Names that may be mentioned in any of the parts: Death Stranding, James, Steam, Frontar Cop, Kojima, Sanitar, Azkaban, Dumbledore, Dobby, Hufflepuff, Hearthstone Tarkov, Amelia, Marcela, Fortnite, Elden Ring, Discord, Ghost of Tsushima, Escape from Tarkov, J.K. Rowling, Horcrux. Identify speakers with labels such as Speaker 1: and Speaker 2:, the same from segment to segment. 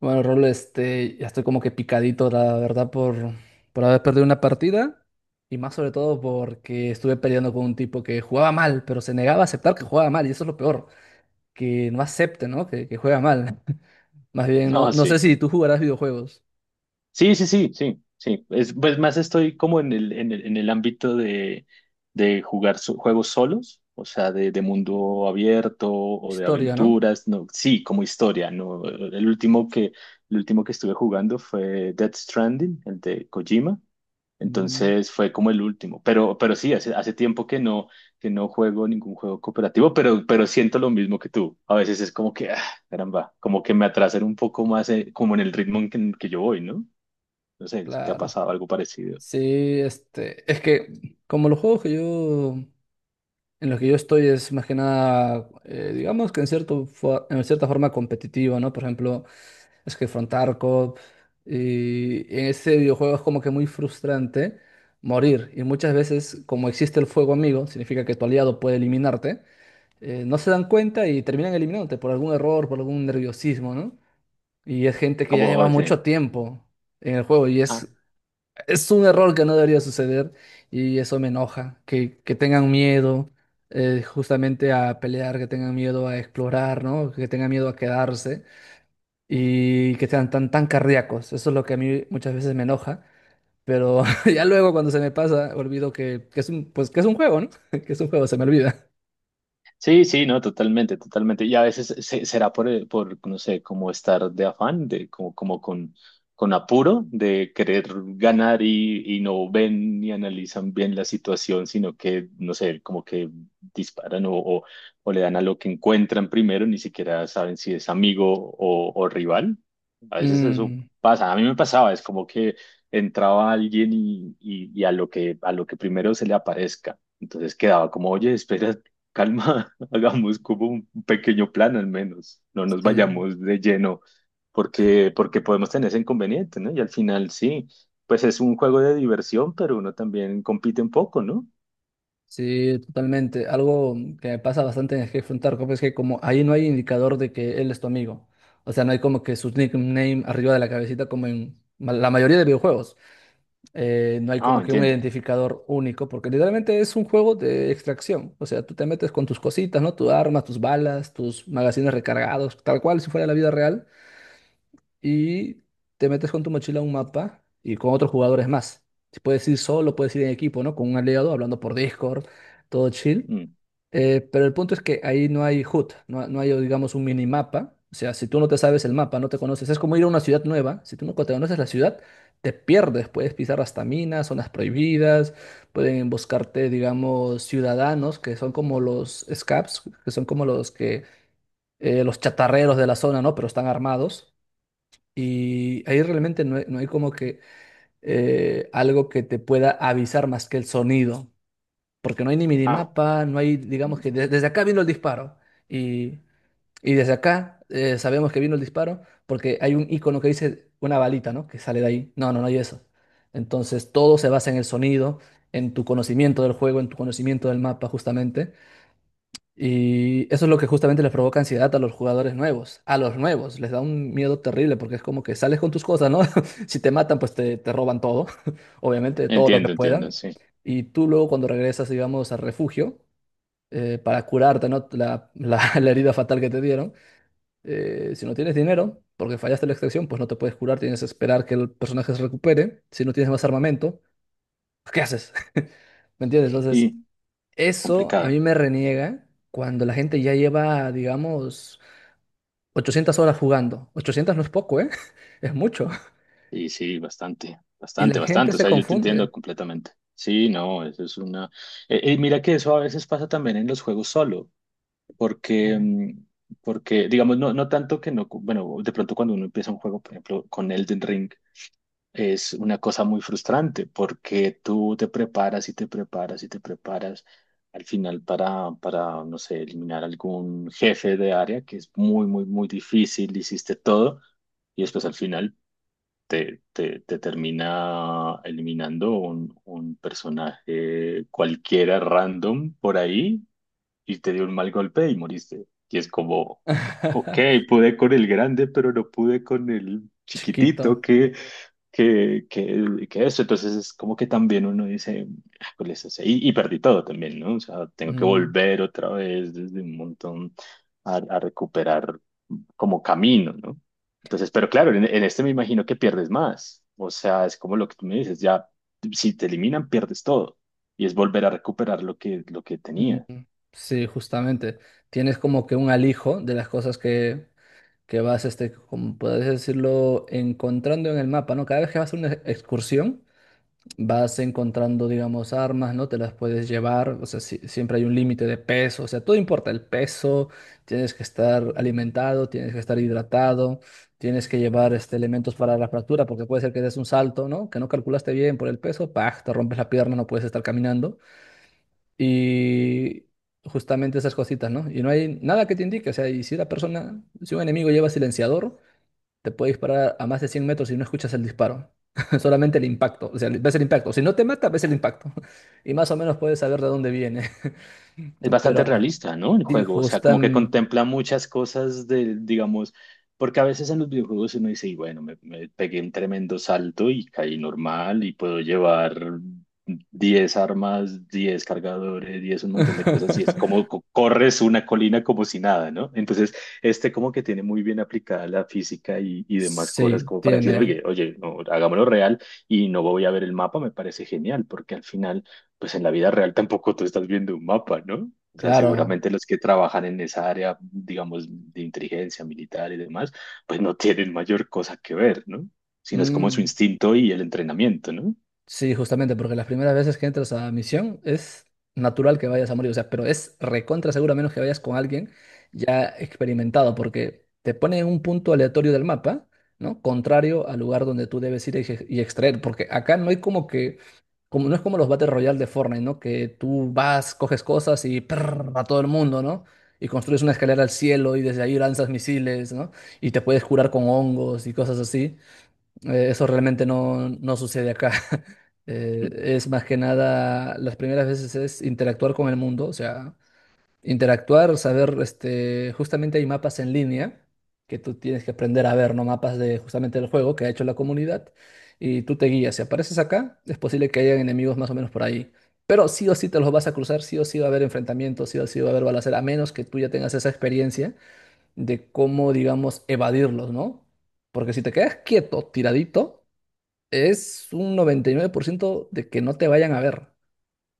Speaker 1: Bueno, Rol, ya estoy como que picadito, la verdad, por haber perdido una partida y más sobre todo porque estuve peleando con un tipo que jugaba mal, pero se negaba a aceptar que jugaba mal y eso es lo peor, que no acepte, ¿no? Que juega mal. Más bien, no,
Speaker 2: No,
Speaker 1: no sé
Speaker 2: sí.
Speaker 1: si tú jugarás videojuegos.
Speaker 2: Sí, sí, sí, sí, sí. Es, pues más estoy como en el ámbito de jugar juegos solos, o sea, de mundo abierto o de
Speaker 1: Historia, ¿no?
Speaker 2: aventuras. No, sí, como historia, ¿no? El último que estuve jugando fue Death Stranding, el de Kojima.
Speaker 1: Mm,
Speaker 2: Entonces fue como el último, pero sí, hace tiempo que no juego ningún juego cooperativo, pero siento lo mismo que tú. A veces es como que, ah, caramba, como que me atrasan un poco más, como en el ritmo en que yo voy, ¿no? No sé si te ha
Speaker 1: claro.
Speaker 2: pasado algo parecido.
Speaker 1: Sí, es que como los juegos que yo, en los que yo estoy es más que nada, digamos que en cierto, en cierta forma competitivo, ¿no? Por ejemplo... Es que Frontar Cop y en este videojuego es como que muy frustrante morir. Y muchas veces, como existe el fuego amigo, significa que tu aliado puede eliminarte, no se dan cuenta y terminan eliminándote por algún error, por algún nerviosismo, ¿no? Y es gente que ya lleva
Speaker 2: Como,
Speaker 1: mucho
Speaker 2: sí.
Speaker 1: tiempo en el juego y es un error que no debería suceder y eso me enoja. Que tengan miedo, justamente, a pelear, que tengan miedo a explorar, ¿no? Que tengan miedo a quedarse y que sean tan, tan cardíacos. Eso es lo que a mí muchas veces me enoja, pero ya luego cuando se me pasa, olvido que es un juego, ¿no? Que es un juego, se me olvida.
Speaker 2: Sí, sí, no, totalmente, totalmente. Y a veces será por, no sé, como estar de afán, de como, como con apuro, de querer ganar y no ven ni analizan bien la situación, sino que, no sé, como que disparan o le dan a lo que encuentran primero, ni siquiera saben si es amigo o rival. A veces eso
Speaker 1: Mm,
Speaker 2: pasa. A mí me pasaba, es como que entraba alguien y a lo que primero se le aparezca. Entonces quedaba como, oye, espera calma, hagamos como un pequeño plan al menos, no nos
Speaker 1: sí,
Speaker 2: vayamos de lleno, porque podemos tener ese inconveniente, ¿no? Y al final sí, pues es un juego de diversión, pero uno también compite un poco, ¿no?
Speaker 1: sí, totalmente. Algo que me pasa bastante en el Hearthstone Tarkov es que como ahí no hay indicador de que él es tu amigo. O sea, no hay como que su nickname arriba de la cabecita como en la mayoría de videojuegos. No hay
Speaker 2: Ah,
Speaker 1: como que un
Speaker 2: entiendo.
Speaker 1: identificador único, porque literalmente es un juego de extracción. O sea, tú te metes con tus cositas, ¿no? Tu armas, tus balas, tus magazines recargados, tal cual si fuera la vida real, y te metes con tu mochila a un mapa y con otros jugadores más. Si puedes ir solo, puedes ir en equipo, ¿no? Con un aliado, hablando por Discord, todo chill.
Speaker 2: Mm.
Speaker 1: Pero el punto es que ahí no hay HUD, no, no hay, digamos, un minimapa. O sea, si tú no te sabes el mapa, no te conoces, es como ir a una ciudad nueva. Si tú no te conoces la ciudad, te pierdes. Puedes pisar hasta minas, zonas prohibidas, pueden buscarte, digamos, ciudadanos que son como los scabs, que son como los que, los chatarreros de la zona, ¿no? Pero están armados. Y ahí realmente no hay, no hay como que, algo que te pueda avisar más que el sonido, porque no hay ni
Speaker 2: Ah,
Speaker 1: minimapa, no hay, digamos,
Speaker 2: mm,
Speaker 1: que desde acá vino el disparo y, y desde acá, sabemos que vino el disparo, porque hay un icono que dice una balita, ¿no? Que sale de ahí. No, no, no hay eso. Entonces, todo se basa en el sonido, en tu conocimiento del juego, en tu conocimiento del mapa justamente, y eso es lo que justamente les provoca ansiedad a los jugadores nuevos. A los nuevos les da un miedo terrible, porque es como que sales con tus cosas, ¿no? Si te matan, pues te roban todo, obviamente, todo lo que
Speaker 2: entiendo, entiendo,
Speaker 1: puedan.
Speaker 2: sí.
Speaker 1: Y tú luego cuando regresas, digamos, al refugio, para curarte, ¿no? La herida fatal que te dieron, si no tienes dinero, porque fallaste la extracción, pues no te puedes curar, tienes que esperar que el personaje se recupere. Si no tienes más armamento, ¿qué haces? ¿Me entiendes? Entonces...
Speaker 2: Y
Speaker 1: Eso a mí
Speaker 2: complicado.
Speaker 1: me reniega cuando la gente ya lleva, digamos, 800 horas jugando. 800 no es poco, ¿eh? Es mucho.
Speaker 2: Y sí, bastante,
Speaker 1: Y la
Speaker 2: bastante,
Speaker 1: gente
Speaker 2: bastante. O
Speaker 1: se
Speaker 2: sea, yo te
Speaker 1: confunde.
Speaker 2: entiendo completamente. Sí, no, eso es una... mira que eso a veces pasa también en los juegos solo. Porque,
Speaker 1: Ah.
Speaker 2: mm, porque digamos, no, no tanto que no, bueno, de pronto cuando uno empieza un juego, por ejemplo, con Elden Ring, es una cosa muy frustrante porque tú te preparas y te preparas y te preparas al final para, no sé, eliminar algún jefe de área que es muy, muy, muy difícil, hiciste todo y después al final te termina eliminando un personaje cualquiera random por ahí y te dio un mal golpe y moriste. Y es como, ok, pude con el grande, pero no pude con el
Speaker 1: Chiquito.
Speaker 2: chiquitito, que eso. Entonces es como que también uno dice, "Ah, ¿cuál es ese?". Y perdí todo también, ¿no? O sea, tengo que
Speaker 1: Mm,
Speaker 2: volver otra vez desde un montón a recuperar como camino, ¿no? Entonces, pero claro, en este me imagino que pierdes más. O sea, es como lo que tú me dices, ya, si te eliminan, pierdes todo. Y es volver a recuperar lo que
Speaker 1: mm,
Speaker 2: tenías.
Speaker 1: mm, sí, justamente. Tienes como que un alijo de las cosas que vas, como puedes decirlo, encontrando en el mapa, ¿no? Cada vez que vas a una excursión, vas encontrando, digamos, armas, ¿no? Te las puedes llevar, o sea, siempre hay un límite de peso, o sea, todo importa, el peso, tienes que estar alimentado, tienes que estar hidratado, tienes que llevar, elementos para la fractura, porque puede ser que des un salto, ¿no? Que no calculaste bien por el peso, ¡pah! Te rompes la pierna, no puedes estar caminando. Y justamente esas cositas, ¿no? Y no hay nada que te indique, o sea, y si la persona, si un enemigo lleva silenciador, te puede disparar a más de 100 metros y no escuchas el disparo. Solamente el impacto. O sea, ves el impacto. Si no te mata, ves el impacto. Y más o menos puedes saber de dónde viene.
Speaker 2: Es bastante
Speaker 1: Pero
Speaker 2: realista, ¿no? El
Speaker 1: sí,
Speaker 2: juego, o sea, como que
Speaker 1: justamente.
Speaker 2: contempla muchas cosas de, digamos, porque a veces en los videojuegos uno dice, y bueno, me pegué un tremendo salto y caí normal y puedo llevar 10 armas, 10 cargadores, 10 un montón de cosas y es como corres una colina como si nada, ¿no? Entonces, este como que tiene muy bien aplicada la física y demás cosas
Speaker 1: Sí,
Speaker 2: como para decir,
Speaker 1: tiene.
Speaker 2: oye, oye, no, hagámoslo real y no voy a ver el mapa, me parece genial, porque al final pues en la vida real tampoco tú estás viendo un mapa, ¿no? O sea,
Speaker 1: Claro.
Speaker 2: seguramente los que trabajan en esa área, digamos, de inteligencia militar y demás, pues no tienen mayor cosa que ver, ¿no? Sino es como su
Speaker 1: Mm.
Speaker 2: instinto y el entrenamiento, ¿no?
Speaker 1: Sí, justamente, porque las primeras veces que entras a misión es natural que vayas a morir, o sea, pero es recontra seguro a menos que vayas con alguien ya experimentado, porque te pone en un punto aleatorio del mapa, ¿no? Contrario al lugar donde tú debes ir y extraer, porque acá no hay como que, como no es como los Battle Royale de Fortnite, ¿no? Que tú vas, coges cosas y prrr, a todo el mundo, ¿no? Y construyes una escalera al cielo y desde ahí lanzas misiles, ¿no? Y te puedes curar con hongos y cosas así. Eso realmente no, no sucede acá.
Speaker 2: Mm.
Speaker 1: Eh, es más que nada, las primeras veces es interactuar con el mundo, o sea, interactuar, saber, justamente hay mapas en línea que tú tienes que aprender a ver, ¿no? Mapas de justamente del juego que ha hecho la comunidad, y tú te guías. Si apareces acá, es posible que hayan enemigos más o menos por ahí. Pero sí o sí te los vas a cruzar, sí o sí va a haber enfrentamientos, sí o sí va a haber balacera, a menos que tú ya tengas esa experiencia de cómo, digamos, evadirlos, ¿no? Porque si te quedas quieto, tiradito, es un 99% de que no te vayan a ver,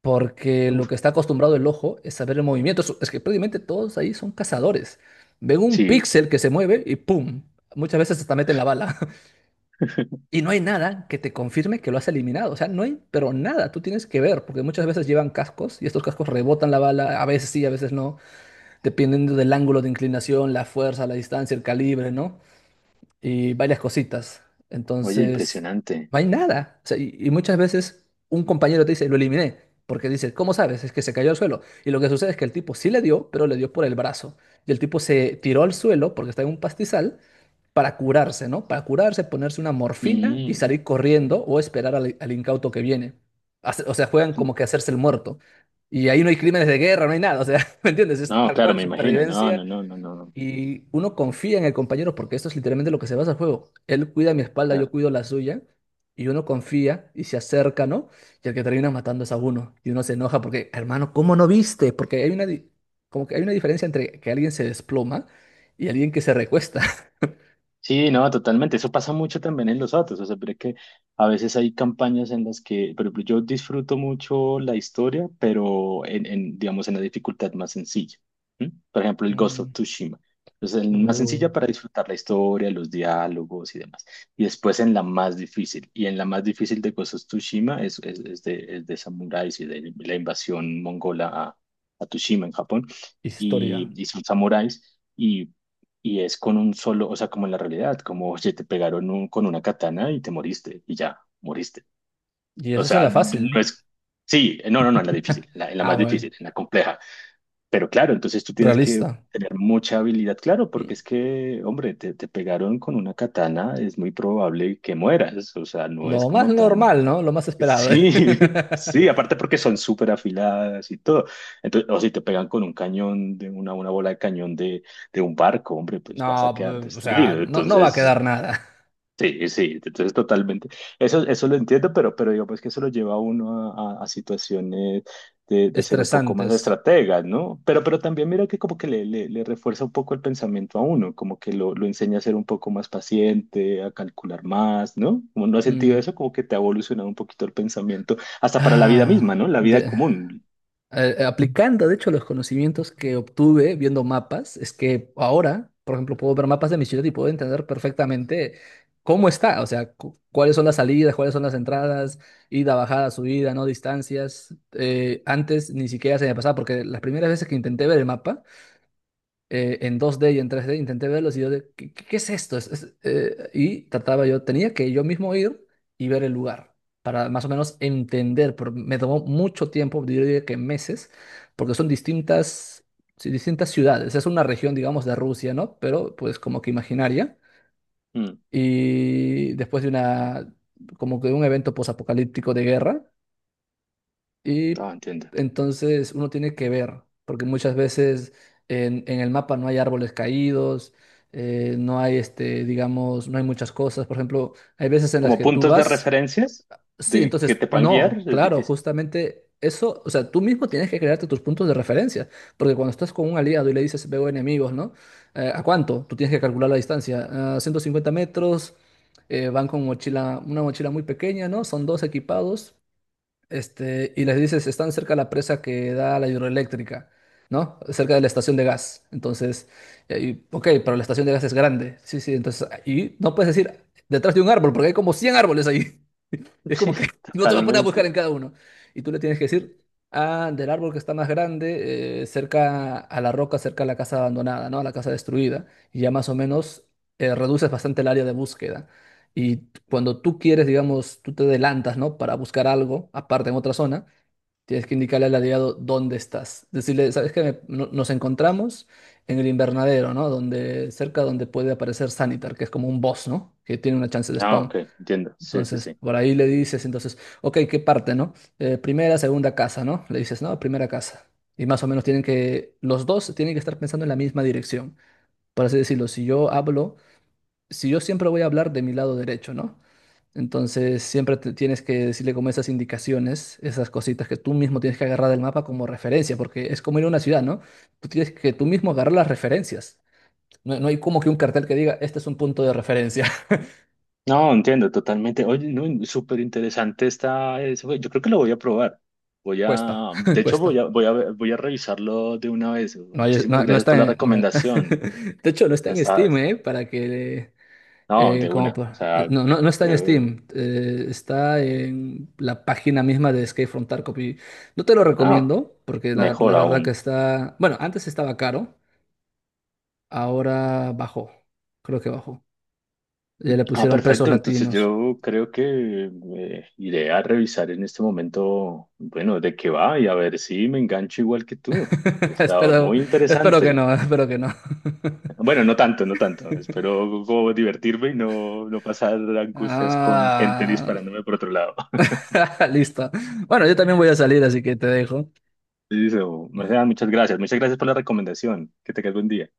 Speaker 1: porque lo
Speaker 2: Uf,
Speaker 1: que está acostumbrado el ojo es saber el movimiento. Es que prácticamente todos ahí son cazadores. Ven un
Speaker 2: sí,
Speaker 1: píxel que se mueve y ¡pum! Muchas veces hasta meten la bala. Y no hay nada que te confirme que lo has eliminado. O sea, no hay, pero nada, tú tienes que ver, porque muchas veces llevan cascos y estos cascos rebotan la bala, a veces sí, a veces no, dependiendo del ángulo de inclinación, la fuerza, la distancia, el calibre, ¿no? Y varias cositas.
Speaker 2: oye,
Speaker 1: Entonces,
Speaker 2: impresionante.
Speaker 1: no hay nada. O sea, y muchas veces un compañero te dice, lo eliminé, porque dice, ¿cómo sabes? Es que se cayó al suelo. Y lo que sucede es que el tipo sí le dio, pero le dio por el brazo. Y el tipo se tiró al suelo porque está en un pastizal para curarse, ¿no? Para curarse, ponerse una morfina y
Speaker 2: Mm.
Speaker 1: salir corriendo, o esperar al incauto que viene. O sea, juegan como que hacerse el muerto. Y ahí no hay crímenes de guerra, no hay nada. O sea, ¿me entiendes? Es
Speaker 2: No,
Speaker 1: tal
Speaker 2: claro,
Speaker 1: cual,
Speaker 2: me imagino. No,
Speaker 1: supervivencia,
Speaker 2: no, no, no, no, no.
Speaker 1: y uno confía en el compañero porque esto es literalmente lo que se basa el juego. Él cuida mi espalda, yo
Speaker 2: Claro.
Speaker 1: cuido la suya. Y uno confía y se acerca, ¿no? Y el que termina matando es a uno. Y uno se enoja porque, hermano, ¿cómo no viste? Porque hay como que hay una diferencia entre que alguien se desploma y alguien que se recuesta.
Speaker 2: Sí, no, totalmente. Eso pasa mucho también en los autos. O sea, pero es que a veces hay campañas en las que, por ejemplo, yo disfruto mucho la historia, pero digamos, en la dificultad más sencilla. ¿M? Por ejemplo, el Ghost of
Speaker 1: Mm,
Speaker 2: Tsushima. Entonces, en más
Speaker 1: uh,
Speaker 2: sencilla para disfrutar la historia, los diálogos y demás. Y después en la más difícil. Y en la más difícil de Ghost of Tsushima es de samuráis y de la invasión mongola a Tsushima en Japón.
Speaker 1: Historia.
Speaker 2: Y son samuráis. Y es con un solo, o sea, como en la realidad, como, oye, te pegaron con una katana y te moriste, y ya, moriste.
Speaker 1: Y
Speaker 2: O
Speaker 1: eso es en
Speaker 2: sea,
Speaker 1: la
Speaker 2: no
Speaker 1: fácil.
Speaker 2: es, sí, no, no, no, en la difícil, en la
Speaker 1: Ah,
Speaker 2: más
Speaker 1: bueno.
Speaker 2: difícil, en la compleja. Pero claro, entonces tú tienes que
Speaker 1: Realista.
Speaker 2: tener mucha habilidad, claro, porque
Speaker 1: Mm,
Speaker 2: es que, hombre, te pegaron con una katana, es muy probable que mueras, o sea, no es
Speaker 1: Lo más
Speaker 2: como tan
Speaker 1: normal, ¿no? Lo más esperado.
Speaker 2: sí, sí, aparte porque son súper afiladas y todo. Entonces, o si te pegan con un cañón, de una bola de cañón de un barco, hombre, pues vas
Speaker 1: No,
Speaker 2: a quedar
Speaker 1: o
Speaker 2: destruido.
Speaker 1: sea, no, no va a
Speaker 2: Entonces,
Speaker 1: quedar nada.
Speaker 2: sí, sí, entonces totalmente. Eso lo entiendo, pero digamos que eso lo lleva a uno a situaciones de ser un poco más
Speaker 1: Estresantes.
Speaker 2: estratega, ¿no? Pero también mira que como que le refuerza un poco el pensamiento a uno, como que lo enseña a ser un poco más paciente, a calcular más, ¿no? Como no has sentido
Speaker 1: Mm.
Speaker 2: eso, como que te ha evolucionado un poquito el pensamiento, hasta para la vida misma,
Speaker 1: Ah,
Speaker 2: ¿no? La vida común.
Speaker 1: aplicando, de hecho, los conocimientos que obtuve viendo mapas, es que ahora, por ejemplo, puedo ver mapas de mi ciudad y puedo entender perfectamente cómo está, o sea, cuáles son las salidas, cuáles son las entradas, ida, bajada, subida, no distancias. Antes ni siquiera se me pasaba, porque las primeras veces que intenté ver el mapa, en 2D y en 3D intenté verlos y yo de, qué es esto? Y trataba yo, tenía que yo mismo ir y ver el lugar para más o menos entender, pero me tomó mucho tiempo, yo diría que meses, porque son distintas, sí, distintas ciudades, es una región, digamos, de Rusia, ¿no? Pero pues como que imaginaria.
Speaker 2: Mm,
Speaker 1: Y después de como que de un evento posapocalíptico de guerra.
Speaker 2: ah,
Speaker 1: Y
Speaker 2: entiendo.
Speaker 1: entonces uno tiene que ver, porque muchas veces en el mapa no hay árboles caídos, no hay, digamos, no hay muchas cosas. Por ejemplo, hay veces en las
Speaker 2: Como
Speaker 1: que tú
Speaker 2: puntos de
Speaker 1: vas,
Speaker 2: referencias
Speaker 1: sí,
Speaker 2: de que
Speaker 1: entonces
Speaker 2: te puedan guiar,
Speaker 1: no,
Speaker 2: es
Speaker 1: claro,
Speaker 2: difícil.
Speaker 1: justamente eso, o sea, tú mismo tienes que crearte tus puntos de referencia, porque cuando estás con un aliado y le dices veo enemigos, ¿no? ¿A cuánto? Tú tienes que calcular la distancia, a 150 metros. Van con mochila, una mochila muy pequeña, ¿no? Son dos equipados, y les dices, están cerca de la presa que da a la hidroeléctrica, ¿no? Cerca de la estación de gas. Entonces, y ahí, ok, pero la estación de gas es grande. Sí, sí, entonces, y no puedes decir detrás de un árbol, porque hay como 100 árboles ahí. Es
Speaker 2: Sí,
Speaker 1: como que no te va a poner a buscar
Speaker 2: totalmente.
Speaker 1: en cada uno. Y tú le tienes que decir, ah, del árbol que está más grande, cerca a la roca, cerca a la casa abandonada, ¿no? A la casa destruida. Y ya más o menos, reduces bastante el área de búsqueda. Y cuando tú quieres, digamos, tú te adelantas, ¿no? Para buscar algo, aparte en otra zona, tienes que indicarle al aliado dónde estás. Decirle, ¿sabes qué? Nos encontramos en el invernadero, ¿no? Donde, cerca donde puede aparecer Sanitar, que es como un boss, ¿no? Que tiene una chance de
Speaker 2: Ah,
Speaker 1: spawn.
Speaker 2: ok, entiendo. Sí, sí,
Speaker 1: Entonces,
Speaker 2: sí.
Speaker 1: por ahí le dices, entonces, ok, ¿qué parte, no? ¿Primera, segunda casa?, ¿no? Le dices, no, primera casa. Y más o menos los dos tienen que estar pensando en la misma dirección. Por así decirlo, si yo hablo, si yo siempre voy a hablar de mi lado derecho, ¿no? Entonces, siempre tienes que decirle como esas indicaciones, esas cositas que tú mismo tienes que agarrar del mapa como referencia, porque es como ir a una ciudad, ¿no? Tú tienes que tú mismo agarrar las referencias. No, no hay como que un cartel que diga, este es un punto de referencia.
Speaker 2: No, entiendo totalmente. Oye, no, súper interesante está eso. Yo creo que lo voy a probar. Voy
Speaker 1: Cuesta,
Speaker 2: a, de hecho,
Speaker 1: cuesta.
Speaker 2: voy a revisarlo de una vez.
Speaker 1: No,
Speaker 2: Muchísimas
Speaker 1: no,
Speaker 2: gracias por la recomendación.
Speaker 1: de hecho, no está
Speaker 2: Ya
Speaker 1: en
Speaker 2: está,
Speaker 1: Steam, ¿eh? Para que...
Speaker 2: no,
Speaker 1: eh,
Speaker 2: de
Speaker 1: como,
Speaker 2: una. O
Speaker 1: pa-
Speaker 2: sea,
Speaker 1: no, no, no está en
Speaker 2: creo,
Speaker 1: Steam. Está en la página misma de Escape from Tarkov. Y no te lo
Speaker 2: ah,
Speaker 1: recomiendo porque la,
Speaker 2: mejor
Speaker 1: la verdad que
Speaker 2: aún.
Speaker 1: está... Bueno, antes estaba caro. Ahora bajó. Creo que bajó. Ya le
Speaker 2: Ah,
Speaker 1: pusieron pesos
Speaker 2: perfecto. Entonces
Speaker 1: latinos.
Speaker 2: yo creo que iré a revisar en este momento, bueno, de qué va y a ver si me engancho igual que tú. Está
Speaker 1: Espero,
Speaker 2: muy
Speaker 1: espero que
Speaker 2: interesante.
Speaker 1: no, espero que no.
Speaker 2: Bueno, no tanto, no tanto. Espero como divertirme y no, no pasar angustias con gente
Speaker 1: Ah,
Speaker 2: disparándome por otro lado.
Speaker 1: listo. Bueno, yo también voy a salir, así que te dejo.
Speaker 2: Listo. Marcela, muchas gracias. Muchas gracias por la recomendación. Que tengas buen día.